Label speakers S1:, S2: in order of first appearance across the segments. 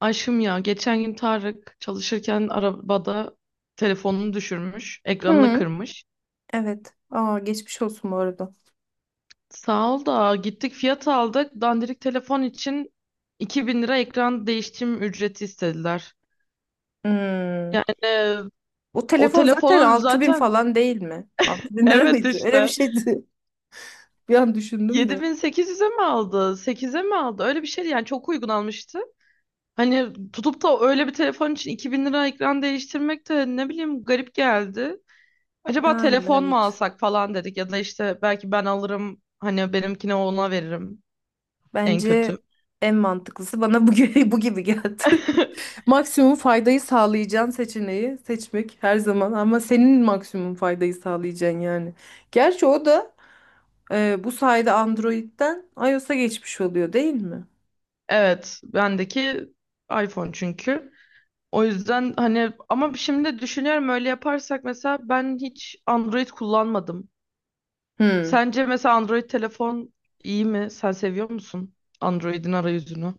S1: Aşkım ya geçen gün Tarık çalışırken arabada telefonunu düşürmüş, ekranını
S2: Hı,
S1: kırmış.
S2: evet. Aa, geçmiş olsun bu arada.
S1: Sağ ol da gittik fiyat aldık. Dandirik telefon için 2000 lira ekran değiştirme ücreti istediler.
S2: Hmm.
S1: Yani
S2: O
S1: o
S2: telefon zaten
S1: telefonu
S2: 6.000
S1: zaten
S2: falan değil mi? 6.000 lira
S1: evet
S2: mıydı? Öyle bir
S1: işte
S2: şeydi. Bir an düşündüm de.
S1: 7800'e mi aldı? 8'e mi aldı? Öyle bir şeydi yani çok uygun almıştı. Hani tutup da öyle bir telefon için 2000 lira ekran değiştirmek de ne bileyim garip geldi. Acaba
S2: Yani
S1: telefon mu
S2: evet.
S1: alsak falan dedik ya da işte belki ben alırım hani benimkini ona veririm en kötü.
S2: Bence en mantıklısı bana bu gibi, bu gibi geldi. Maksimum faydayı sağlayacağın seçeneği seçmek her zaman ama senin maksimum faydayı sağlayacaksın yani. Gerçi o da bu sayede Android'den iOS'a geçmiş oluyor değil mi?
S1: Evet, bendeki iPhone çünkü. O yüzden hani ama şimdi düşünüyorum öyle yaparsak mesela ben hiç Android kullanmadım.
S2: Hmm.
S1: Sence mesela Android telefon iyi mi? Sen seviyor musun Android'in arayüzünü?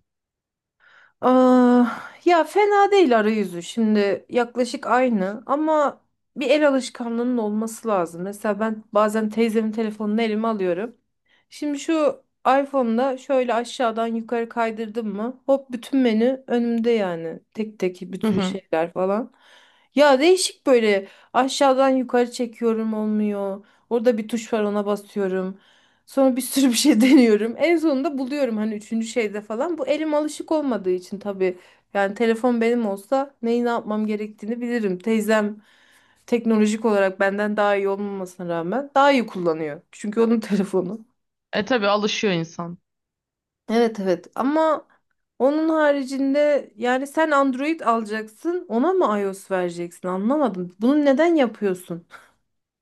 S2: Aa, ya fena değil arayüzü şimdi yaklaşık aynı ama bir el alışkanlığının olması lazım. Mesela ben bazen teyzemin telefonunu elime alıyorum. Şimdi şu iPhone'da şöyle aşağıdan yukarı kaydırdım mı hop bütün menü önümde yani tek tek
S1: Hı
S2: bütün
S1: hı.
S2: şeyler falan. Ya değişik böyle aşağıdan yukarı çekiyorum olmuyor. Orada bir tuş var ona basıyorum. Sonra bir sürü bir şey deniyorum. En sonunda buluyorum hani üçüncü şeyde falan. Bu elim alışık olmadığı için tabii. Yani telefon benim olsa neyi ne yapmam gerektiğini bilirim. Teyzem teknolojik olarak benden daha iyi olmamasına rağmen daha iyi kullanıyor. Çünkü onun telefonu.
S1: E tabii alışıyor insan.
S2: Evet, evet, ama onun haricinde yani sen Android alacaksın ona mı iOS vereceksin anlamadım. Bunu neden yapıyorsun?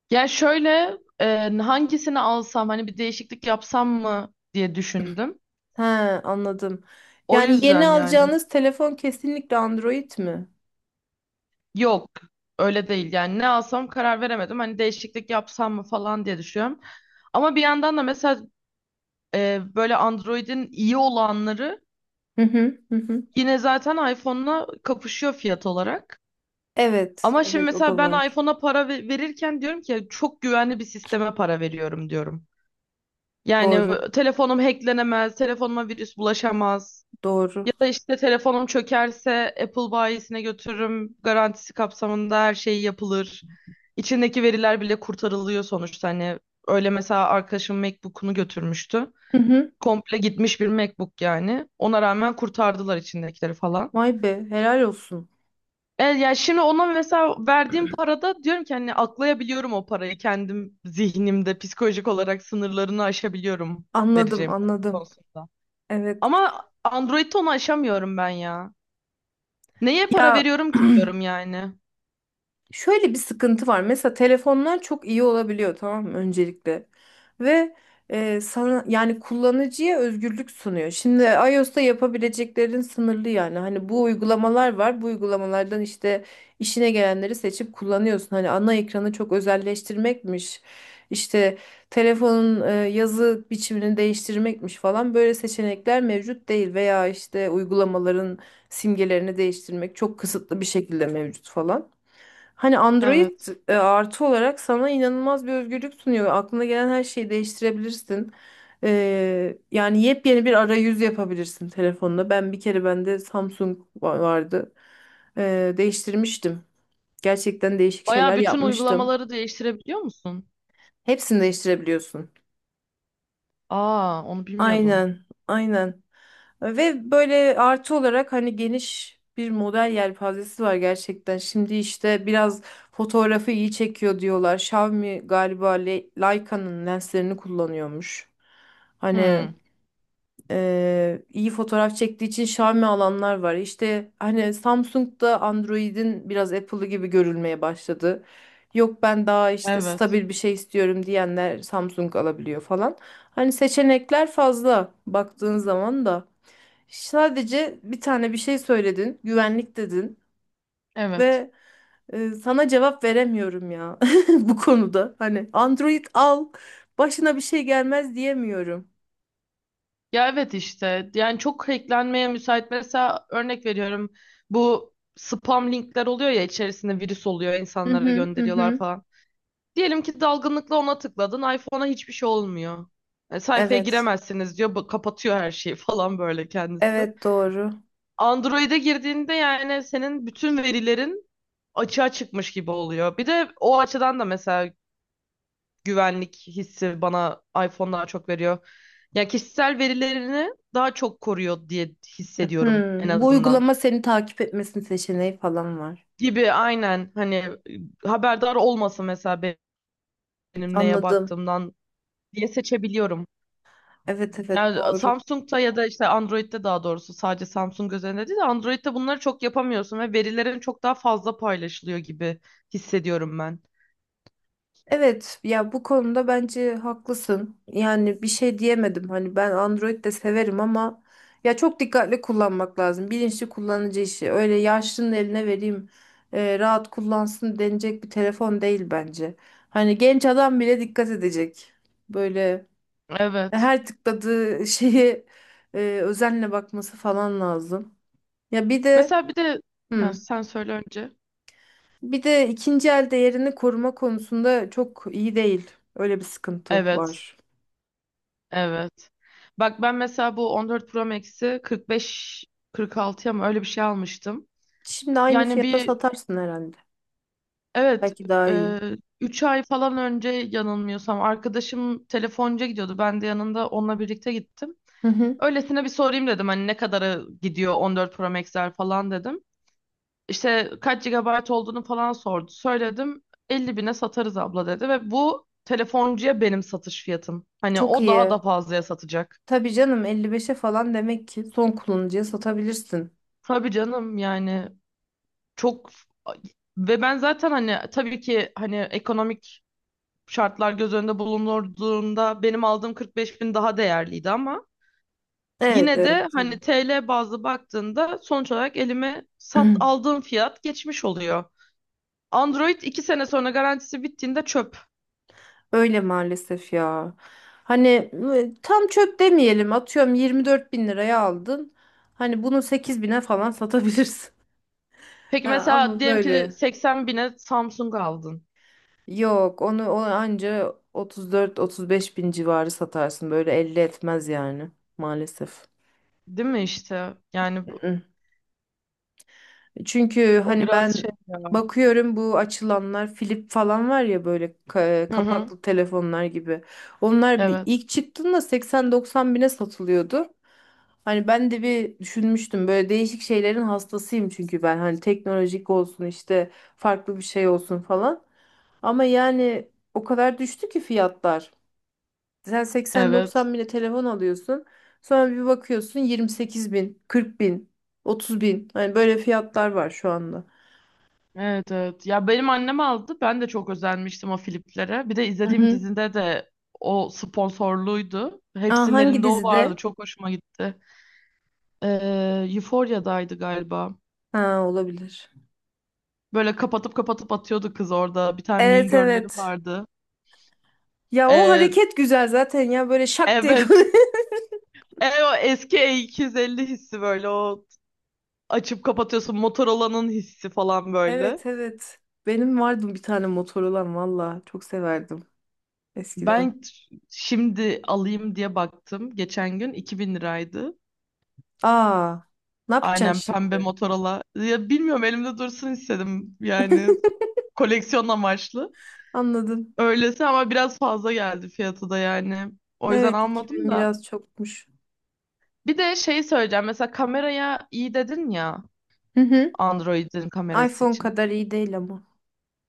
S1: Ya şöyle hangisini alsam hani bir değişiklik yapsam mı diye düşündüm.
S2: He, anladım.
S1: O
S2: Yani yeni
S1: yüzden yani.
S2: alacağınız telefon kesinlikle Android mi?
S1: Yok öyle değil yani ne alsam karar veremedim hani değişiklik yapsam mı falan diye düşünüyorum. Ama bir yandan da mesela böyle Android'in iyi olanları
S2: Hı hı. Hı hı.
S1: yine zaten iPhone'la kapışıyor fiyat olarak.
S2: Evet,
S1: Ama şimdi
S2: evet, o
S1: mesela
S2: da
S1: ben
S2: var.
S1: iPhone'a para verirken diyorum ki çok güvenli bir sisteme para veriyorum diyorum. Yani
S2: Doğru,
S1: telefonum hacklenemez, telefonuma virüs bulaşamaz. Ya
S2: doğru.
S1: da işte telefonum çökerse Apple bayisine götürürüm. Garantisi kapsamında her şey yapılır. İçindeki veriler bile kurtarılıyor sonuçta. Hani öyle mesela arkadaşım MacBook'unu götürmüştü.
S2: Hı hı.
S1: Komple gitmiş bir MacBook yani. Ona rağmen kurtardılar içindekileri falan.
S2: Vay be, helal olsun.
S1: Yani şimdi ona mesela verdiğim parada diyorum ki hani aklayabiliyorum o parayı. Kendim zihnimde psikolojik olarak sınırlarını aşabiliyorum
S2: Anladım,
S1: vereceğim para
S2: anladım.
S1: konusunda.
S2: Evet.
S1: Ama Android'de onu aşamıyorum ben ya. Neye para
S2: Ya,
S1: veriyorum ki diyorum yani.
S2: şöyle bir sıkıntı var. Mesela telefonlar çok iyi olabiliyor tamam mı öncelikle. Ve sana yani kullanıcıya özgürlük sunuyor. Şimdi iOS'ta yapabileceklerin sınırlı yani. Hani bu uygulamalar var. Bu uygulamalardan işte işine gelenleri seçip kullanıyorsun. Hani ana ekranı çok özelleştirmekmiş. İşte telefonun yazı biçimini değiştirmekmiş falan böyle seçenekler mevcut değil veya işte uygulamaların simgelerini değiştirmek çok kısıtlı bir şekilde mevcut falan. Hani Android
S1: Evet.
S2: artı olarak sana inanılmaz bir özgürlük sunuyor. Ve aklına gelen her şeyi değiştirebilirsin. Yani yepyeni bir arayüz yapabilirsin telefonla. Ben bir kere bende Samsung vardı. Değiştirmiştim. Gerçekten değişik
S1: Baya
S2: şeyler
S1: bütün
S2: yapmıştım.
S1: uygulamaları değiştirebiliyor musun?
S2: Hepsini değiştirebiliyorsun.
S1: Aa, onu bilmiyordum.
S2: Aynen, aynen. Ve böyle artı olarak hani geniş bir model yelpazesi var gerçekten. Şimdi işte biraz fotoğrafı iyi çekiyor diyorlar. Xiaomi galiba Leica'nın lenslerini kullanıyormuş. Hani
S1: Hmm.
S2: iyi fotoğraf çektiği için Xiaomi alanlar var. İşte hani Samsung da Android'in biraz Apple'ı gibi görülmeye başladı. Yok ben daha işte
S1: Evet.
S2: stabil bir şey istiyorum diyenler Samsung alabiliyor falan. Hani seçenekler fazla baktığın zaman da. Sadece bir tane bir şey söyledin, güvenlik dedin
S1: Evet.
S2: ve sana cevap veremiyorum ya bu konuda. Hani Android al, başına bir şey gelmez diyemiyorum.
S1: Ya evet işte. Yani çok hacklenmeye müsait. Mesela örnek veriyorum. Bu spam linkler oluyor ya içerisinde virüs oluyor.
S2: Hı
S1: İnsanlara
S2: hı hı
S1: gönderiyorlar
S2: hı.
S1: falan. Diyelim ki dalgınlıkla ona tıkladın. iPhone'a hiçbir şey olmuyor. Sayfaya
S2: Evet.
S1: giremezsiniz diyor. Kapatıyor her şeyi falan böyle kendisi.
S2: Evet, doğru.
S1: Android'e girdiğinde yani senin bütün verilerin açığa çıkmış gibi oluyor. Bir de o açıdan da mesela güvenlik hissi bana iPhone daha çok veriyor. Ya kişisel verilerini daha çok koruyor diye hissediyorum en
S2: Bu
S1: azından.
S2: uygulama seni takip etmesini seçeneği falan var.
S1: Gibi aynen hani haberdar olmasın mesela benim neye
S2: Anladım.
S1: baktığımdan diye seçebiliyorum.
S2: Evet, evet,
S1: Yani
S2: doğru.
S1: Samsung'da ya da işte Android'de daha doğrusu sadece Samsung özelinde değil de Android'de bunları çok yapamıyorsun ve verilerin çok daha fazla paylaşılıyor gibi hissediyorum ben.
S2: Evet, ya bu konuda bence haklısın. Yani bir şey diyemedim. Hani ben Android de severim ama ya çok dikkatli kullanmak lazım. Bilinçli kullanıcı işi. Öyle yaşlının eline vereyim rahat kullansın denecek bir telefon değil bence. Hani genç adam bile dikkat edecek. Böyle
S1: Evet.
S2: her tıkladığı şeye özenle bakması falan lazım. Ya bir de,
S1: Mesela bir de ha,
S2: hı,
S1: sen söyle önce.
S2: bir de ikinci el değerini koruma konusunda çok iyi değil. Öyle bir sıkıntı
S1: Evet,
S2: var.
S1: evet. Bak ben mesela bu 14 Pro Max'i 45 46'ya mı öyle bir şey almıştım.
S2: Şimdi aynı
S1: Yani
S2: fiyata
S1: bir
S2: satarsın herhalde.
S1: evet
S2: Belki daha
S1: e,
S2: iyi.
S1: 3 ay falan önce yanılmıyorsam arkadaşım telefoncuya gidiyordu. Ben de yanında onunla birlikte gittim.
S2: Hı hı.
S1: Öylesine bir sorayım dedim hani ne kadara gidiyor 14 Pro Max'ler falan dedim. İşte kaç gigabayt olduğunu falan sordu. Söyledim 50 bine satarız abla dedi ve bu telefoncuya benim satış fiyatım. Hani
S2: Çok
S1: o daha
S2: iyi.
S1: da fazlaya satacak.
S2: Tabii canım, 55'e falan demek ki son kullanıcıya satabilirsin.
S1: Tabii canım yani çok ve ben zaten hani tabii ki hani ekonomik şartlar göz önünde bulunduğunda benim aldığım 45 bin daha değerliydi ama
S2: Evet,
S1: yine
S2: evet,
S1: de
S2: tabii.
S1: hani TL bazlı baktığında sonuç olarak elime sat aldığım fiyat geçmiş oluyor. Android 2 sene sonra garantisi bittiğinde çöp.
S2: Öyle maalesef ya. Hani tam çöp demeyelim. Atıyorum 24 bin liraya aldın. Hani bunu 8.000'e falan satabilirsin.
S1: Peki
S2: Ha,
S1: mesela
S2: ama
S1: diyelim ki
S2: böyle.
S1: 80 bine Samsung aldın.
S2: Yok, onu anca 34-35 bin civarı satarsın. Böyle 50 etmez yani maalesef.
S1: Değil mi işte? Yani
S2: Mm. Çünkü
S1: o
S2: hani ben
S1: biraz şey ya.
S2: bakıyorum bu açılanlar Flip falan var ya böyle
S1: Hı hı.
S2: kapaklı telefonlar gibi. Onlar bir,
S1: Evet.
S2: ilk çıktığında 80-90 bine satılıyordu. Hani ben de bir düşünmüştüm böyle değişik şeylerin hastasıyım çünkü ben hani teknolojik olsun işte farklı bir şey olsun falan. Ama yani o kadar düştü ki fiyatlar. Sen
S1: Evet.
S2: 80-90 bine telefon alıyorsun. Sonra bir bakıyorsun 28 bin, 40 bin, 30 bin. Hani böyle fiyatlar var şu anda.
S1: Evet evet. Ya benim annem aldı. Ben de çok özenmiştim o Philips'lere. Bir de
S2: Hı
S1: izlediğim
S2: hı.
S1: dizinde de o sponsorluydu.
S2: Aa,
S1: Hepsinin
S2: hangi
S1: elinde o
S2: dizide?
S1: vardı. Çok hoşuma gitti. Euphoria'daydı galiba.
S2: Ha, olabilir.
S1: Böyle kapatıp kapatıp atıyordu kız orada. Bir tane Mean
S2: Evet,
S1: Girl'leri
S2: evet.
S1: vardı.
S2: Ya o
S1: Ee,
S2: hareket güzel zaten ya böyle şak diye.
S1: evet. O eski E250 hissi böyle o açıp kapatıyorsun Motorola'nın hissi falan böyle.
S2: Evet, evet. Benim vardı bir tane motor valla. Çok severdim eskiden.
S1: Ben t- şimdi alayım diye baktım. Geçen gün 2000 liraydı.
S2: Aa, ne yapacaksın
S1: Aynen pembe
S2: şimdi?
S1: Motorola. Ya bilmiyorum elimde dursun istedim. Yani koleksiyon amaçlı.
S2: Anladım.
S1: Öylesi ama biraz fazla geldi fiyatı da yani. O yüzden
S2: Evet,
S1: almadım
S2: 2000
S1: da.
S2: biraz çokmuş.
S1: Bir de şey söyleyeceğim. Mesela kameraya iyi dedin ya
S2: Hı hı.
S1: Android'in kamerası
S2: iPhone
S1: için.
S2: kadar iyi değil ama.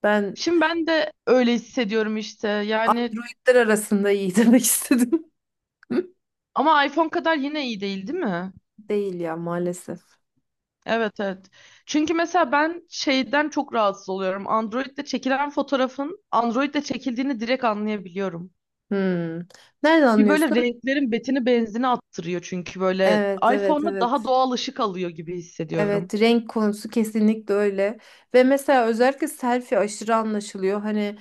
S2: Ben
S1: Şimdi ben de öyle hissediyorum işte. Yani
S2: Androidler arasında iyi demek istedim.
S1: ama iPhone kadar yine iyi değil, değil mi?
S2: Değil ya maalesef.
S1: Evet evet. Çünkü mesela ben şeyden çok rahatsız oluyorum. Android'de çekilen fotoğrafın Android'de çekildiğini direkt anlayabiliyorum.
S2: Hmm. Nereden
S1: Bir böyle
S2: anlıyorsun?
S1: renklerin betini benzini attırıyor çünkü böyle
S2: Evet, evet,
S1: iPhone'da daha
S2: evet.
S1: doğal ışık alıyor gibi
S2: Evet,
S1: hissediyorum.
S2: renk konusu kesinlikle öyle. Ve mesela özellikle selfie aşırı anlaşılıyor. Hani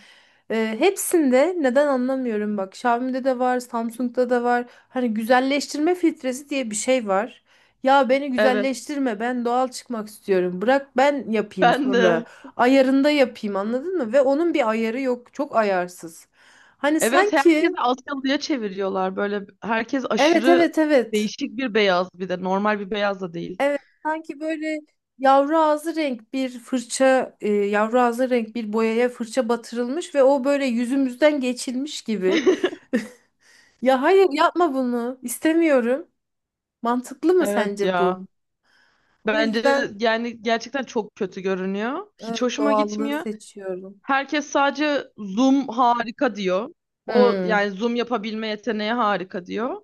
S2: hepsinde neden anlamıyorum bak. Xiaomi'de de var, Samsung'da da var. Hani güzelleştirme filtresi diye bir şey var. Ya beni
S1: Evet,
S2: güzelleştirme, ben doğal çıkmak istiyorum. Bırak ben yapayım
S1: ben
S2: sonra.
S1: de.
S2: Ayarında yapayım anladın mı? Ve onun bir ayarı yok. Çok ayarsız. Hani
S1: Evet, herkesi
S2: sanki.
S1: Asyalı'ya çeviriyorlar. Böyle herkes
S2: Evet,
S1: aşırı
S2: evet, evet.
S1: değişik bir beyaz bir de normal bir beyaz da değil.
S2: Evet, sanki böyle yavru ağzı renk bir fırça, yavru ağzı renk bir boyaya fırça batırılmış ve o böyle yüzümüzden geçilmiş gibi. Ya hayır yapma bunu, İstemiyorum. Mantıklı mı
S1: Evet
S2: sence
S1: ya.
S2: bu? O
S1: Bence
S2: yüzden
S1: yani gerçekten çok kötü görünüyor. Hiç
S2: evet,
S1: hoşuma
S2: doğallığı
S1: gitmiyor.
S2: seçiyorum.
S1: Herkes sadece Zoom harika diyor. O
S2: Hmm,
S1: yani Zoom yapabilme yeteneği harika diyor.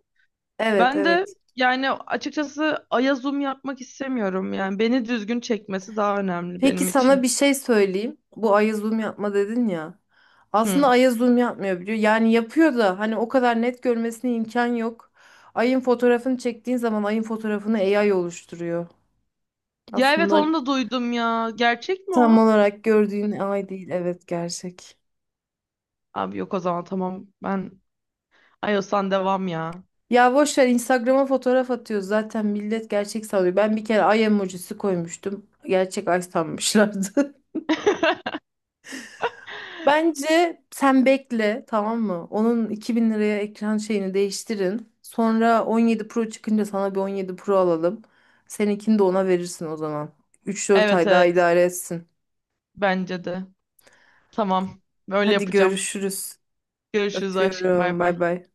S2: evet,
S1: Ben de
S2: evet.
S1: yani açıkçası Aya Zoom yapmak istemiyorum yani. Beni düzgün çekmesi daha önemli
S2: Peki
S1: benim
S2: sana
S1: için.
S2: bir şey söyleyeyim. Bu aya zoom yapma dedin ya. Aslında
S1: Hı.
S2: aya zoom yapmıyor biliyor. Yani yapıyor da hani o kadar net görmesine imkan yok. Ayın fotoğrafını çektiğin zaman ayın fotoğrafını AI oluşturuyor.
S1: Ya evet
S2: Aslında
S1: onu da duydum ya. Gerçek mi
S2: tam
S1: o?
S2: olarak gördüğün ay değil. Evet, gerçek.
S1: Abi yok o zaman tamam. Ben iOS'tan devam ya.
S2: Ya boş ver, Instagram'a fotoğraf atıyor. Zaten millet gerçek sanıyor. Ben bir kere ay emojisi koymuştum. Gerçek ay sanmışlardı. Bence sen bekle tamam mı? Onun 2.000 liraya ekran şeyini değiştirin. Sonra 17 Pro çıkınca sana bir 17 Pro alalım. Seninkini de ona verirsin o zaman. Üç dört
S1: Evet
S2: ay daha
S1: evet
S2: idare etsin.
S1: bence de. Tamam. Böyle
S2: Hadi
S1: yapacağım.
S2: görüşürüz.
S1: Görüşürüz aşkım. Bay
S2: Öpüyorum.
S1: bay.
S2: Bay bay.